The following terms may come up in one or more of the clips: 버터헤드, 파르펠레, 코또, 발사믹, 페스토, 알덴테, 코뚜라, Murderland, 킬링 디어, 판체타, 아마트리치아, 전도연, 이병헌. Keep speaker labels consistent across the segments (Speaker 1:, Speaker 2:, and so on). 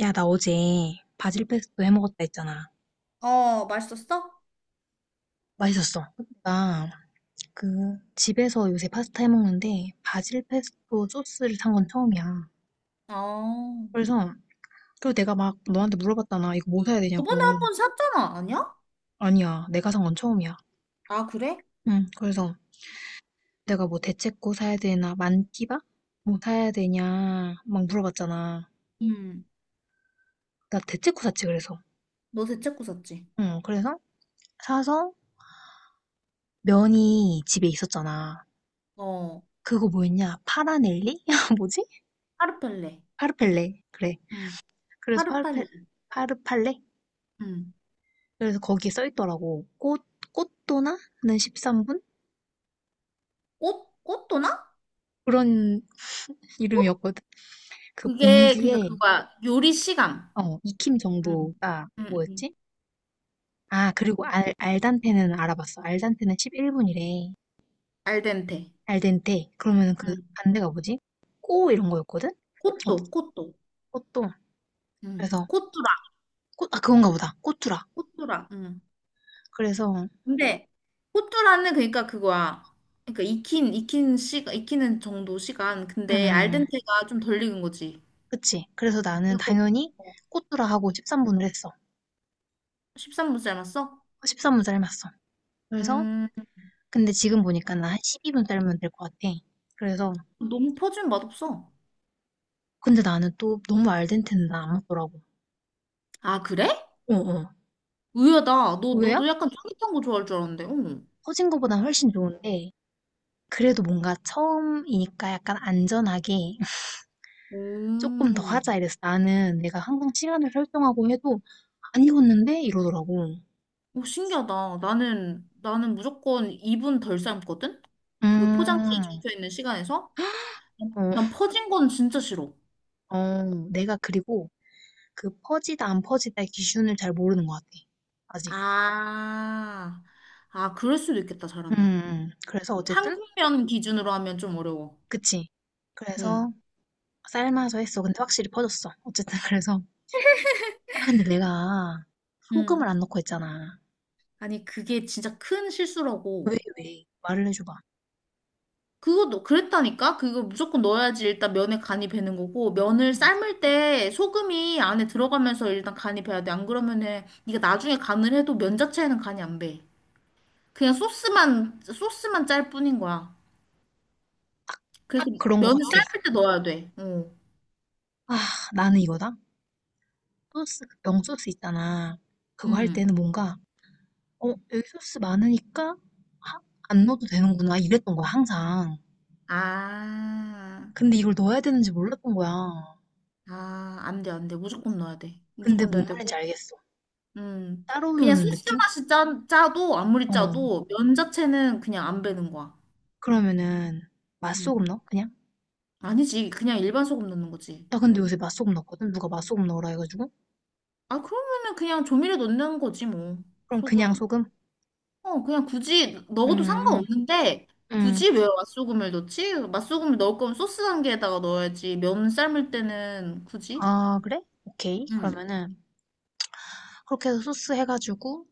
Speaker 1: 야, 나 어제 바질페스토 해먹었다 했잖아.
Speaker 2: 어, 맛있었어?
Speaker 1: 맛있었어. 나 그 집에서 요새 파스타 해먹는데 바질페스토 소스를 산 건 처음이야.
Speaker 2: 어.
Speaker 1: 그래서 그리고 내가 막 너한테 물어봤잖아. 이거 뭐 사야
Speaker 2: 저번에
Speaker 1: 되냐고.
Speaker 2: 한 번 샀잖아, 아니야?
Speaker 1: 아니야, 내가 산 건 처음이야.
Speaker 2: 아, 그래?
Speaker 1: 응, 그래서 내가 뭐 대체코 사야 되나 만티바? 뭐 사야 되냐 막 물어봤잖아.
Speaker 2: 음,
Speaker 1: 나 대체코 샀지 그래서.
Speaker 2: 너 대체코 샀지?
Speaker 1: 응, 그래서 사서 면이 집에 있었잖아.
Speaker 2: 어.
Speaker 1: 그거 뭐였냐? 파라넬리? 뭐지?
Speaker 2: 파르펠레.
Speaker 1: 파르펠레. 그래.
Speaker 2: 음, 파
Speaker 1: 그래서
Speaker 2: 르팔
Speaker 1: 파르펠,
Speaker 2: 레
Speaker 1: 파르팔레?
Speaker 2: 음,
Speaker 1: 그래서 거기에 써 있더라고. 꽃, 꽃도나? 는 13분?
Speaker 2: 꽃? 꽃도나?
Speaker 1: 그런
Speaker 2: 꽃?
Speaker 1: 이름이었거든. 그
Speaker 2: 그게, 그니까
Speaker 1: 봉지에.
Speaker 2: 그거야. 요리 시간.
Speaker 1: 어, 익힘
Speaker 2: 음,
Speaker 1: 정도가
Speaker 2: 응
Speaker 1: 뭐였지? 아, 그리고 알단테는 알아봤어. 알단테는 11분이래.
Speaker 2: 알덴테.
Speaker 1: 알덴테. 그러면 그
Speaker 2: 음.
Speaker 1: 반대가 뭐지? 꼬 이런 거였거든? 어,
Speaker 2: 코또, 코또.
Speaker 1: 꽃도.
Speaker 2: 음.
Speaker 1: 그래서,
Speaker 2: 코뚜라,
Speaker 1: 꽃, 아, 그건가 보다. 꽃두라.
Speaker 2: 코뚜라. 음.
Speaker 1: 그래서,
Speaker 2: 근데 코뚜라는 그러니까 그거야. 그러니까 익힌 시간 익히는 정도 시간.
Speaker 1: 음,
Speaker 2: 근데
Speaker 1: 음.
Speaker 2: 알덴테가 좀 덜 익은 거지.
Speaker 1: 그치. 그래서 나는
Speaker 2: 그거
Speaker 1: 당연히 꽃두라 하고 13분을 했어.
Speaker 2: 13분 삶았어?
Speaker 1: 13 분 삶았어. 그래서
Speaker 2: 음,
Speaker 1: 근데 지금 보니까 나 한 12분 삶으면 될 것 같아. 그래서
Speaker 2: 너무 퍼진 맛없어.
Speaker 1: 근데 나는 또 너무 알덴테는 나 안 먹더라고.
Speaker 2: 아, 그래?
Speaker 1: 어어.
Speaker 2: 의외다. 너도
Speaker 1: 왜요?
Speaker 2: 약간 쫄깃한 거 좋아할 줄 알았는데. 응.
Speaker 1: 퍼진 거보단 훨씬 좋은데 그래도 뭔가 처음이니까 약간 안전하게
Speaker 2: 오,
Speaker 1: 조금 더 하자 이랬어. 나는 내가 항상 시간을 설정하고 해도 안 익었는데 이러더라고.
Speaker 2: 오, 신기하다. 나는 무조건 2분 덜 삶거든? 그 포장지에
Speaker 1: 음.
Speaker 2: 적혀있는 시간에서?
Speaker 1: 어,
Speaker 2: 난 퍼진 건 진짜 싫어.
Speaker 1: 어. 내가 그리고 그 퍼지다 안 퍼지다의 기준을 잘 모르는 것 같아. 아직.
Speaker 2: 아, 아, 그럴 수도 있겠다,
Speaker 1: 음.
Speaker 2: 잘하면.
Speaker 1: 음. 그래서 어쨌든
Speaker 2: 한국면 기준으로 하면 좀 어려워.
Speaker 1: 그치.
Speaker 2: 응,
Speaker 1: 그래서 삶아서 했어. 근데 확실히 퍼졌어. 어쨌든 그래서 아 근데 내가 소금을
Speaker 2: 응.
Speaker 1: 안 넣고 했잖아.
Speaker 2: 아니, 그게 진짜 큰 실수라고.
Speaker 1: 왜 왜? 말을 해줘봐.
Speaker 2: 그것도 그랬다니까? 그거 무조건 넣어야지 일단 면에 간이 배는 거고 면을 삶을 때 소금이 안에 들어가면서 일단 간이 배야 돼. 안 그러면은 네가 나중에 간을 해도 면 자체에는 간이 안 배. 그냥 소스만 소스만 짤 뿐인 거야.
Speaker 1: 딱
Speaker 2: 그래서
Speaker 1: 그런 거
Speaker 2: 면을
Speaker 1: 같아.
Speaker 2: 삶을 때 넣어야 돼. 어.
Speaker 1: 아 나는 이거다. 소스 그 명소스 있잖아. 그거 할
Speaker 2: 음.
Speaker 1: 때는 뭔가 어 여기 소스 많으니까 하- 안 넣어도 되는구나 이랬던 거야 항상.
Speaker 2: 아.
Speaker 1: 근데 이걸 넣어야 되는지 몰랐던 거야.
Speaker 2: 아, 안 돼, 안 돼. 무조건 넣어야 돼.
Speaker 1: 근데
Speaker 2: 무조건
Speaker 1: 뭔
Speaker 2: 넣어야 되고.
Speaker 1: 말인지 알겠어.
Speaker 2: 음.
Speaker 1: 따로
Speaker 2: 그냥
Speaker 1: 넣는
Speaker 2: 소스
Speaker 1: 느낌?
Speaker 2: 맛이 짜도 아무리
Speaker 1: 어
Speaker 2: 짜도 면 자체는 그냥 안 배는 거야.
Speaker 1: 그러면은 맛소금
Speaker 2: 음.
Speaker 1: 넣어 그냥?
Speaker 2: 아니지. 그냥 일반 소금 넣는 거지.
Speaker 1: 나 근데 요새 맛소금 넣거든. 누가 맛소금 넣으라 해가지고.
Speaker 2: 아, 그러면은 그냥 조미료 넣는 거지, 뭐.
Speaker 1: 그럼 그냥
Speaker 2: 소금.
Speaker 1: 소금?
Speaker 2: 어, 그냥 굳이 넣어도
Speaker 1: 음, 음.
Speaker 2: 상관없는데,
Speaker 1: 음.
Speaker 2: 굳이 왜 맛소금을 넣지? 맛소금을 넣을 거면 소스 단계에다가 넣어야지. 면 삶을 때는 굳이?
Speaker 1: 아, 그래? 오케이.
Speaker 2: 응.
Speaker 1: 그러면은, 그렇게 해서 소스 해가지고,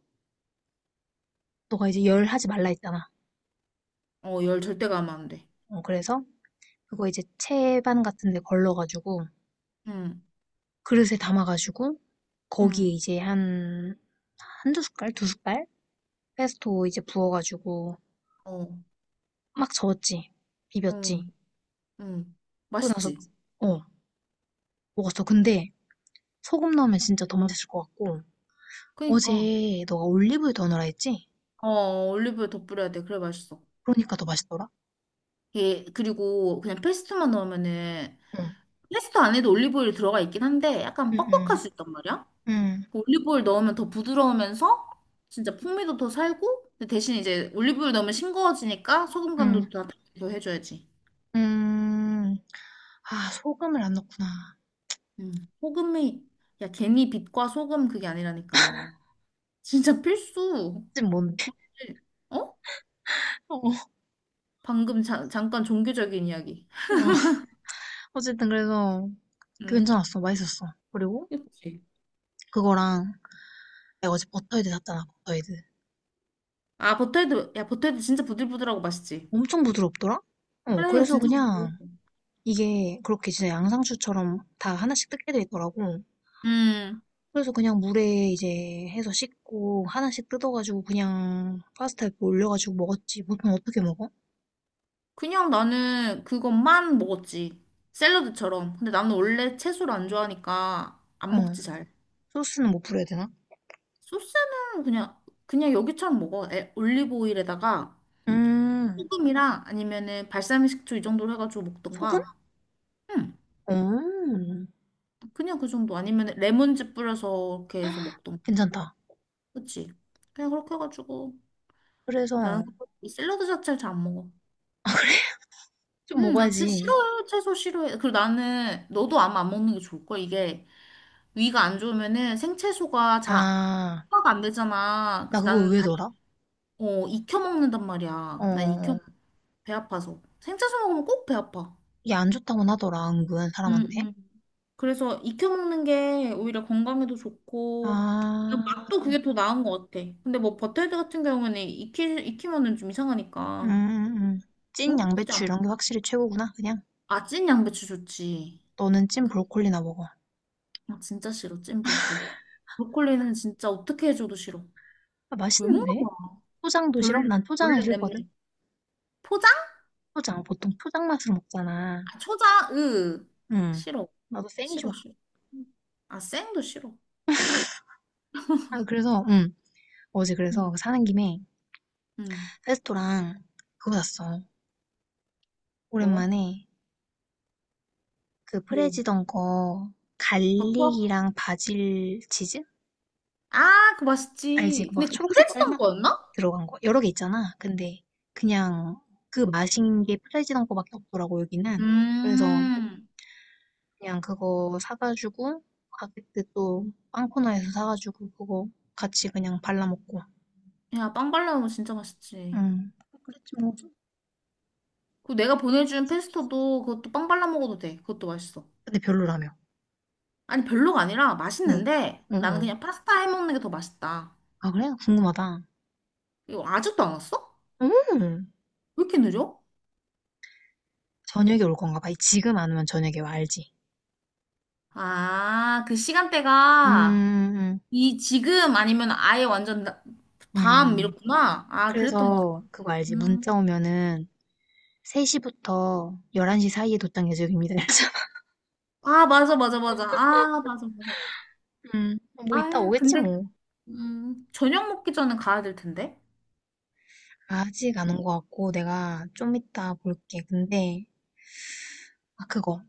Speaker 1: 너가 이제 열 하지 말라 했잖아.
Speaker 2: 어, 열 절대 가면 안 돼.
Speaker 1: 어, 그래서, 그거 이제 채반 같은 데 걸러가지고,
Speaker 2: 응,
Speaker 1: 그릇에 담아가지고, 거기에
Speaker 2: 응,
Speaker 1: 이제 한, 한두 숟갈? 두 숟갈? 페스토 이제 부어가지고,
Speaker 2: 어,
Speaker 1: 막 저었지. 비볐지.
Speaker 2: 응, 응.
Speaker 1: 그러고 나서,
Speaker 2: 맛있지?
Speaker 1: 어, 먹었어. 근데, 소금 넣으면 진짜 더 맛있을 것 같고,
Speaker 2: 그니까.
Speaker 1: 어제 너가 올리브유 더 넣으라 했지?
Speaker 2: 어, 올리브유 더 뿌려야 돼. 그래 맛있어.
Speaker 1: 그러니까 더 맛있더라?
Speaker 2: 예, 그리고 그냥 페스토만 넣으면은
Speaker 1: 응,
Speaker 2: 페스토 안에도 올리브오일이 들어가 있긴 한데 약간
Speaker 1: 응,
Speaker 2: 뻑뻑할
Speaker 1: 응,
Speaker 2: 수 있단 말이야.
Speaker 1: 응.
Speaker 2: 올리브오일 넣으면 더 부드러우면서 진짜 풍미도 더 살고 근데 대신 이제 올리브오일 넣으면 싱거워지니까 소금
Speaker 1: 응.
Speaker 2: 간도 더 해줘야지.
Speaker 1: 음. 아 소금을 안 넣었구나.
Speaker 2: 음. 소금이 야 괜히 빛과 소금 그게 아니라니까는 진짜 필수.
Speaker 1: 지금 뭔데?
Speaker 2: 어?
Speaker 1: 어,
Speaker 2: 방금 잠깐 종교적인 이야기.
Speaker 1: 어. 어쨌든 그래서 그
Speaker 2: 음.
Speaker 1: 괜찮았어. 맛있었어. 그리고
Speaker 2: 그치.
Speaker 1: 그거랑 내가 어제 버터헤드 샀잖아. 버터헤드.
Speaker 2: 아 버터헤드 야 버터헤드 진짜 부들부들하고 맛있지.
Speaker 1: 엄청 부드럽더라? 어,
Speaker 2: 그래
Speaker 1: 그래서
Speaker 2: 진짜 부드러워.
Speaker 1: 그냥 이게 그렇게 진짜 양상추처럼 다 하나씩 뜯게 돼 있더라고.
Speaker 2: 음.
Speaker 1: 그래서 그냥 물에 이제 해서 씻고 하나씩 뜯어가지고 그냥 파스타에 올려가지고 먹었지. 보통 어떻게 먹어?
Speaker 2: 그냥 나는 그것만 먹었지. 샐러드처럼. 근데 나는 원래 채소를 안 좋아하니까
Speaker 1: 어,
Speaker 2: 안 먹지 잘.
Speaker 1: 소스는 뭐 뿌려야 되나?
Speaker 2: 소스는 그냥, 그냥 여기처럼 먹어. 에, 올리브 오일에다가
Speaker 1: 음,
Speaker 2: 소금이랑 아니면은 발사믹 식초 이 정도로 해가지고
Speaker 1: 소금?
Speaker 2: 먹던가. 응.
Speaker 1: 어.
Speaker 2: 그냥 그 정도. 아니면 레몬즙 뿌려서 이렇게 해서 먹던가.
Speaker 1: 괜찮다.
Speaker 2: 그치? 그냥 그렇게 해가지고.
Speaker 1: 그래서
Speaker 2: 나는 그거- 이 샐러드 자체를 잘 안 먹어.
Speaker 1: 좀
Speaker 2: 응, 나 진짜
Speaker 1: 먹어야지.
Speaker 2: 싫어요. 채소 싫어해. 그리고 나는 너도 아마 안 먹는 게 좋을걸. 이게 위가 안 좋으면은 생채소가 잘
Speaker 1: 아,
Speaker 2: 소화가 안 되잖아.
Speaker 1: 나
Speaker 2: 그래서
Speaker 1: 그거
Speaker 2: 나는
Speaker 1: 의외더라.
Speaker 2: 익혀 먹는단 말이야. 나 익혀
Speaker 1: 어,
Speaker 2: 배 아파서. 생채소 먹으면 꼭 배 아파.
Speaker 1: 이게 안 좋다고는 하더라, 은근 사람한테.
Speaker 2: 응응. 그래서 익혀 먹는 게 오히려 건강에도 좋고 그냥
Speaker 1: 아,
Speaker 2: 맛도 그게 더 나은 것 같아. 근데 뭐 버터헤드 같은 경우는 익히면은 좀
Speaker 1: 음,
Speaker 2: 이상하니까
Speaker 1: 음, 음. 찐
Speaker 2: 그런 거 굳이
Speaker 1: 양배추 이런 게
Speaker 2: 안.
Speaker 1: 확실히 최고구나, 그냥.
Speaker 2: 아, 찐 양배추 좋지.
Speaker 1: 너는 찐 브로콜리나 먹어.
Speaker 2: 아, 진짜 싫어. 찐 브로콜리. 브로콜리는 진짜 어떻게 해줘도 싫어.
Speaker 1: 아,
Speaker 2: 왜 먹는
Speaker 1: 맛있는데?
Speaker 2: 거야?
Speaker 1: 초장도 싫어?
Speaker 2: 벌레,
Speaker 1: 난 초장은
Speaker 2: 벌레 냄새.
Speaker 1: 싫거든.
Speaker 2: 포장?
Speaker 1: 초장, 보통 초장 맛으로 먹잖아.
Speaker 2: 아, 초장, 으.
Speaker 1: 응.
Speaker 2: 싫어.
Speaker 1: 나도 생이 좋아.
Speaker 2: 싫어, 싫어. 아, 생도 싫어.
Speaker 1: 아, 그래서, 응. 어제 그래서
Speaker 2: 응,
Speaker 1: 그 사는 김에
Speaker 2: 응.
Speaker 1: 레스토랑 그거 샀어.
Speaker 2: 뭐?
Speaker 1: 오랜만에 그
Speaker 2: 뭐?
Speaker 1: 프레지던 거
Speaker 2: 버터?
Speaker 1: 갈릭이랑 바질 치즈?
Speaker 2: 아, 그거
Speaker 1: 알지?
Speaker 2: 맛있지. 근데
Speaker 1: 그막
Speaker 2: 그
Speaker 1: 초록 색깔
Speaker 2: 프레스던
Speaker 1: 막
Speaker 2: 거였나?
Speaker 1: 들어간 거 여러 개 있잖아. 근데 그냥 그 맛인 게 프레지던 거밖에 없더라고 여기는. 그래서
Speaker 2: 음.
Speaker 1: 그냥 그거 사가지고 가게때 또 빵 코너에서 사가지고 그거 같이 그냥 발라먹고.
Speaker 2: 야, 빵 발라 먹으면 진짜 맛있지.
Speaker 1: 응. 그랬지 뭐.
Speaker 2: 그 내가 보내준 페스토도 그것도 빵 발라 먹어도 돼. 그것도 맛있어.
Speaker 1: 근데 별로라며.
Speaker 2: 아니, 별로가 아니라
Speaker 1: 응.
Speaker 2: 맛있는데
Speaker 1: 응,
Speaker 2: 나는
Speaker 1: 응.
Speaker 2: 그냥 파스타 해 먹는 게 더 맛있다.
Speaker 1: 아, 그래? 궁금하다.
Speaker 2: 이거 아직도 안 왔어?
Speaker 1: 음.
Speaker 2: 왜 이렇게 느려?
Speaker 1: 저녁에 올 건가 봐. 지금 안 오면 저녁에 와, 알지?
Speaker 2: 아, 그
Speaker 1: 음,
Speaker 2: 시간대가
Speaker 1: 음.
Speaker 2: 이 지금 아니면 아예 완전 밤
Speaker 1: 음.
Speaker 2: 이렇구나. 아, 그랬던 것 같아.
Speaker 1: 그래서 그거 알지? 문자
Speaker 2: 음.
Speaker 1: 오면은 3시부터 11시 사이에 도착 예정입니다. 이래서
Speaker 2: 아, 맞아, 맞아, 맞아. 아, 맞아, 맞아.
Speaker 1: 음, 뭐 이따
Speaker 2: 아,
Speaker 1: 오겠지
Speaker 2: 근데
Speaker 1: 뭐.
Speaker 2: 저녁 먹기 전에 가야 될 텐데.
Speaker 1: 아직 안 온 것 같고 내가 좀 이따 볼게. 근데 아 그거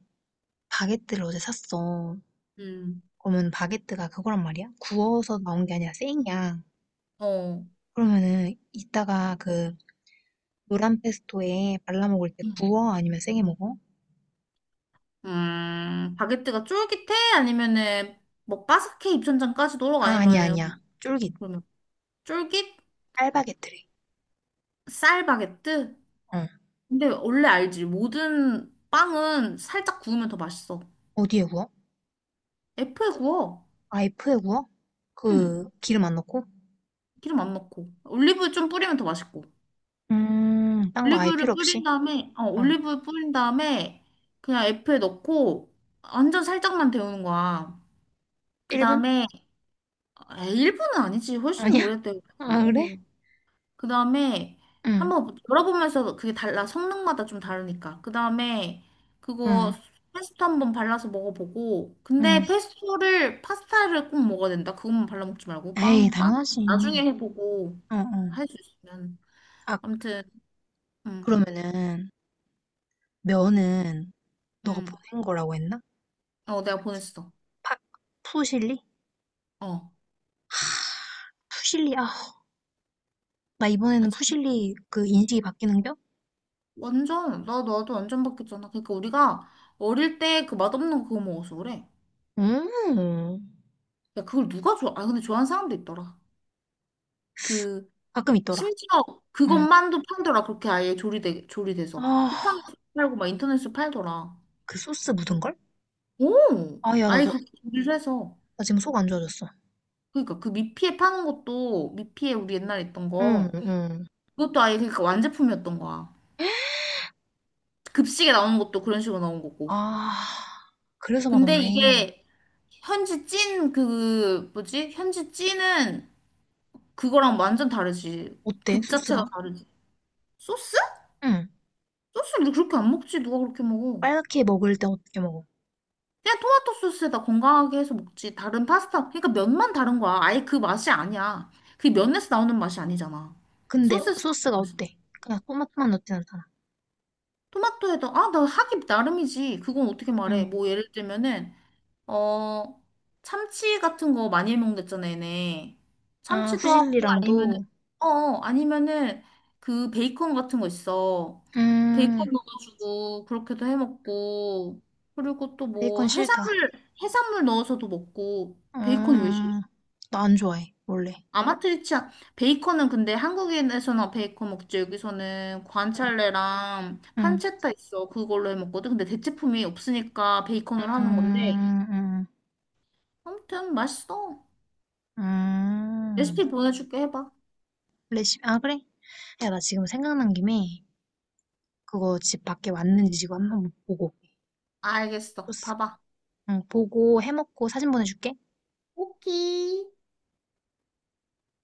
Speaker 1: 바게트를 어제 샀어.
Speaker 2: 음.
Speaker 1: 그러면 바게트가 그거란 말이야? 구워서 나온 게 아니라 생이야.
Speaker 2: 어.
Speaker 1: 그러면은 이따가 그 노란 페스토에 발라 먹을 때
Speaker 2: 음,
Speaker 1: 구워? 아니면 생에 먹어?
Speaker 2: 바게트가 쫄깃해? 아니면은 뭐 바삭해 입천장까지 도록
Speaker 1: 아 아니야
Speaker 2: 아니면은
Speaker 1: 아니야. 쫄깃.
Speaker 2: 그러면 쫄깃
Speaker 1: 알바게트래.
Speaker 2: 쌀 바게트?
Speaker 1: 어.
Speaker 2: 근데 원래 알지. 모든 빵은 살짝 구우면 더 맛있어.
Speaker 1: 어디에 구워?
Speaker 2: F에 구워.
Speaker 1: 아이프에 구워?
Speaker 2: 응.
Speaker 1: 그 기름 안 넣고?
Speaker 2: 기름 안 넣고. 올리브유 좀 뿌리면 더 맛있고.
Speaker 1: 딴 거 아예 필요
Speaker 2: 올리브유를 뿌린
Speaker 1: 없이?
Speaker 2: 다음에,
Speaker 1: 어.
Speaker 2: 올리브유 뿌린 다음에 그냥 F에 넣고 완전 살짝만 데우는 거야. 그
Speaker 1: 1분?
Speaker 2: 다음에, 일 분은 아니지. 훨씬
Speaker 1: 아니야?
Speaker 2: 오래 데우지.
Speaker 1: 아, 그래?
Speaker 2: 어. 그 다음에
Speaker 1: 응,
Speaker 2: 한번 뭐 열어보면서 그게 달라. 성능마다 좀 다르니까. 그 다음에 그거
Speaker 1: 응,
Speaker 2: 페스토 한번 발라서 먹어보고.
Speaker 1: 응.
Speaker 2: 근데 페스토를, 파스타를 꼭 먹어야 된다. 그것만 발라먹지 말고.
Speaker 1: 에이,
Speaker 2: 빵, 빵. 나중에
Speaker 1: 당연하지.
Speaker 2: 해보고.
Speaker 1: 어,
Speaker 2: 할
Speaker 1: 어.
Speaker 2: 수 있으면.
Speaker 1: 아,
Speaker 2: 아무튼. 응,
Speaker 1: 그러면은, 면은, 너가
Speaker 2: 응.
Speaker 1: 보낸 거라고 했나?
Speaker 2: 어, 내가 보냈어.
Speaker 1: 파, 푸실리?
Speaker 2: 어.
Speaker 1: 푸실리, 아, 나
Speaker 2: 아,
Speaker 1: 이번에는
Speaker 2: 진-
Speaker 1: 푸실리 그 인식이 바뀌는겨?
Speaker 2: 완전, 나도 완전 바뀌었잖아. 그러니까 우리가 어릴 때 그 맛없는 그거 먹어서 그래.
Speaker 1: 음,
Speaker 2: 야, 그걸 누가 좋아? 아, 근데 좋아하는 사람도 있더라. 그,
Speaker 1: 가끔 있더라.
Speaker 2: 심지어
Speaker 1: 응.
Speaker 2: 그것만도 팔더라. 그렇게 아예 조리돼서.
Speaker 1: 아,
Speaker 2: 쿠팡에서 팔고 막 인터넷에서 팔더라.
Speaker 1: 그 소스 묻은 걸?
Speaker 2: 오!
Speaker 1: 아, 야, 나,
Speaker 2: 아예
Speaker 1: 너,
Speaker 2: 그렇게 조리를 해서.
Speaker 1: 나 지금 속 안 좋아졌어.
Speaker 2: 그러니까 그 미피에 파는 것도, 미피에 우리 옛날에 있던
Speaker 1: 응,
Speaker 2: 거,
Speaker 1: 응.
Speaker 2: 그것도 아예 그러니까 완제품이었던 거야. 급식에 나오는 것도 그런 식으로 나온 거고.
Speaker 1: 아, 그래서
Speaker 2: 근데
Speaker 1: 맛없네.
Speaker 2: 이게 현지 찐 그 뭐지? 현지 찐은 그거랑 완전 다르지.
Speaker 1: 어때,
Speaker 2: 급 자체가
Speaker 1: 소스가?
Speaker 2: 다르지. 소스?
Speaker 1: 응.
Speaker 2: 소스를 그렇게 안 먹지. 누가 그렇게 먹어?
Speaker 1: 빨갛게 먹을 때 어떻게 먹어?
Speaker 2: 그냥 토마토 소스에다 건강하게 해서 먹지. 다른 파스타. 그러니까 면만 다른 거야. 아예 그 맛이 아니야. 그 면에서 나오는 맛이 아니잖아.
Speaker 1: 근데
Speaker 2: 소스에서 나오는
Speaker 1: 소스가
Speaker 2: 맛이.
Speaker 1: 어때? 그냥 토마토만 넣진 않잖아.
Speaker 2: 토마토에다 아, 나 하기 나름이지. 그건 어떻게 말해?
Speaker 1: 응.
Speaker 2: 뭐 예를 들면은 어, 참치 같은 거 많이 해먹는댔잖아, 얘네.
Speaker 1: 아,
Speaker 2: 참치도 하고, 아니면은,
Speaker 1: 후질리랑도,
Speaker 2: 어, 어, 아니면은, 그 베이컨 같은 거 있어.
Speaker 1: 음,
Speaker 2: 베이컨 넣어가지고, 그렇게도 해먹고, 그리고 또 뭐,
Speaker 1: 베이컨 싫다.
Speaker 2: 해산물, 해산물 넣어서도 먹고, 베이컨이 왜
Speaker 1: 음,
Speaker 2: 싫어?
Speaker 1: 나 안 좋아해, 원래.
Speaker 2: 아마트리치아, 베이컨은 근데 한국에서나 베이컨 먹지, 여기서는
Speaker 1: 응,
Speaker 2: 관찰레랑
Speaker 1: 응,
Speaker 2: 판체타 있어. 그걸로 해먹거든. 근데 대체품이 없으니까 베이컨으로
Speaker 1: 음...
Speaker 2: 하는 건데,
Speaker 1: 음...
Speaker 2: 아무튼 맛있어.
Speaker 1: 음.
Speaker 2: 레시피 보내줄게 해봐.
Speaker 1: 레시피, 아, 그래? 야, 나 지금 생각난 김에 그거 집 밖에 왔는지 지금 한번 보고 올게.
Speaker 2: 알겠어.
Speaker 1: 소스.
Speaker 2: 봐봐.
Speaker 1: 응, 보고 해먹고 사진 보내줄게.
Speaker 2: 오케이.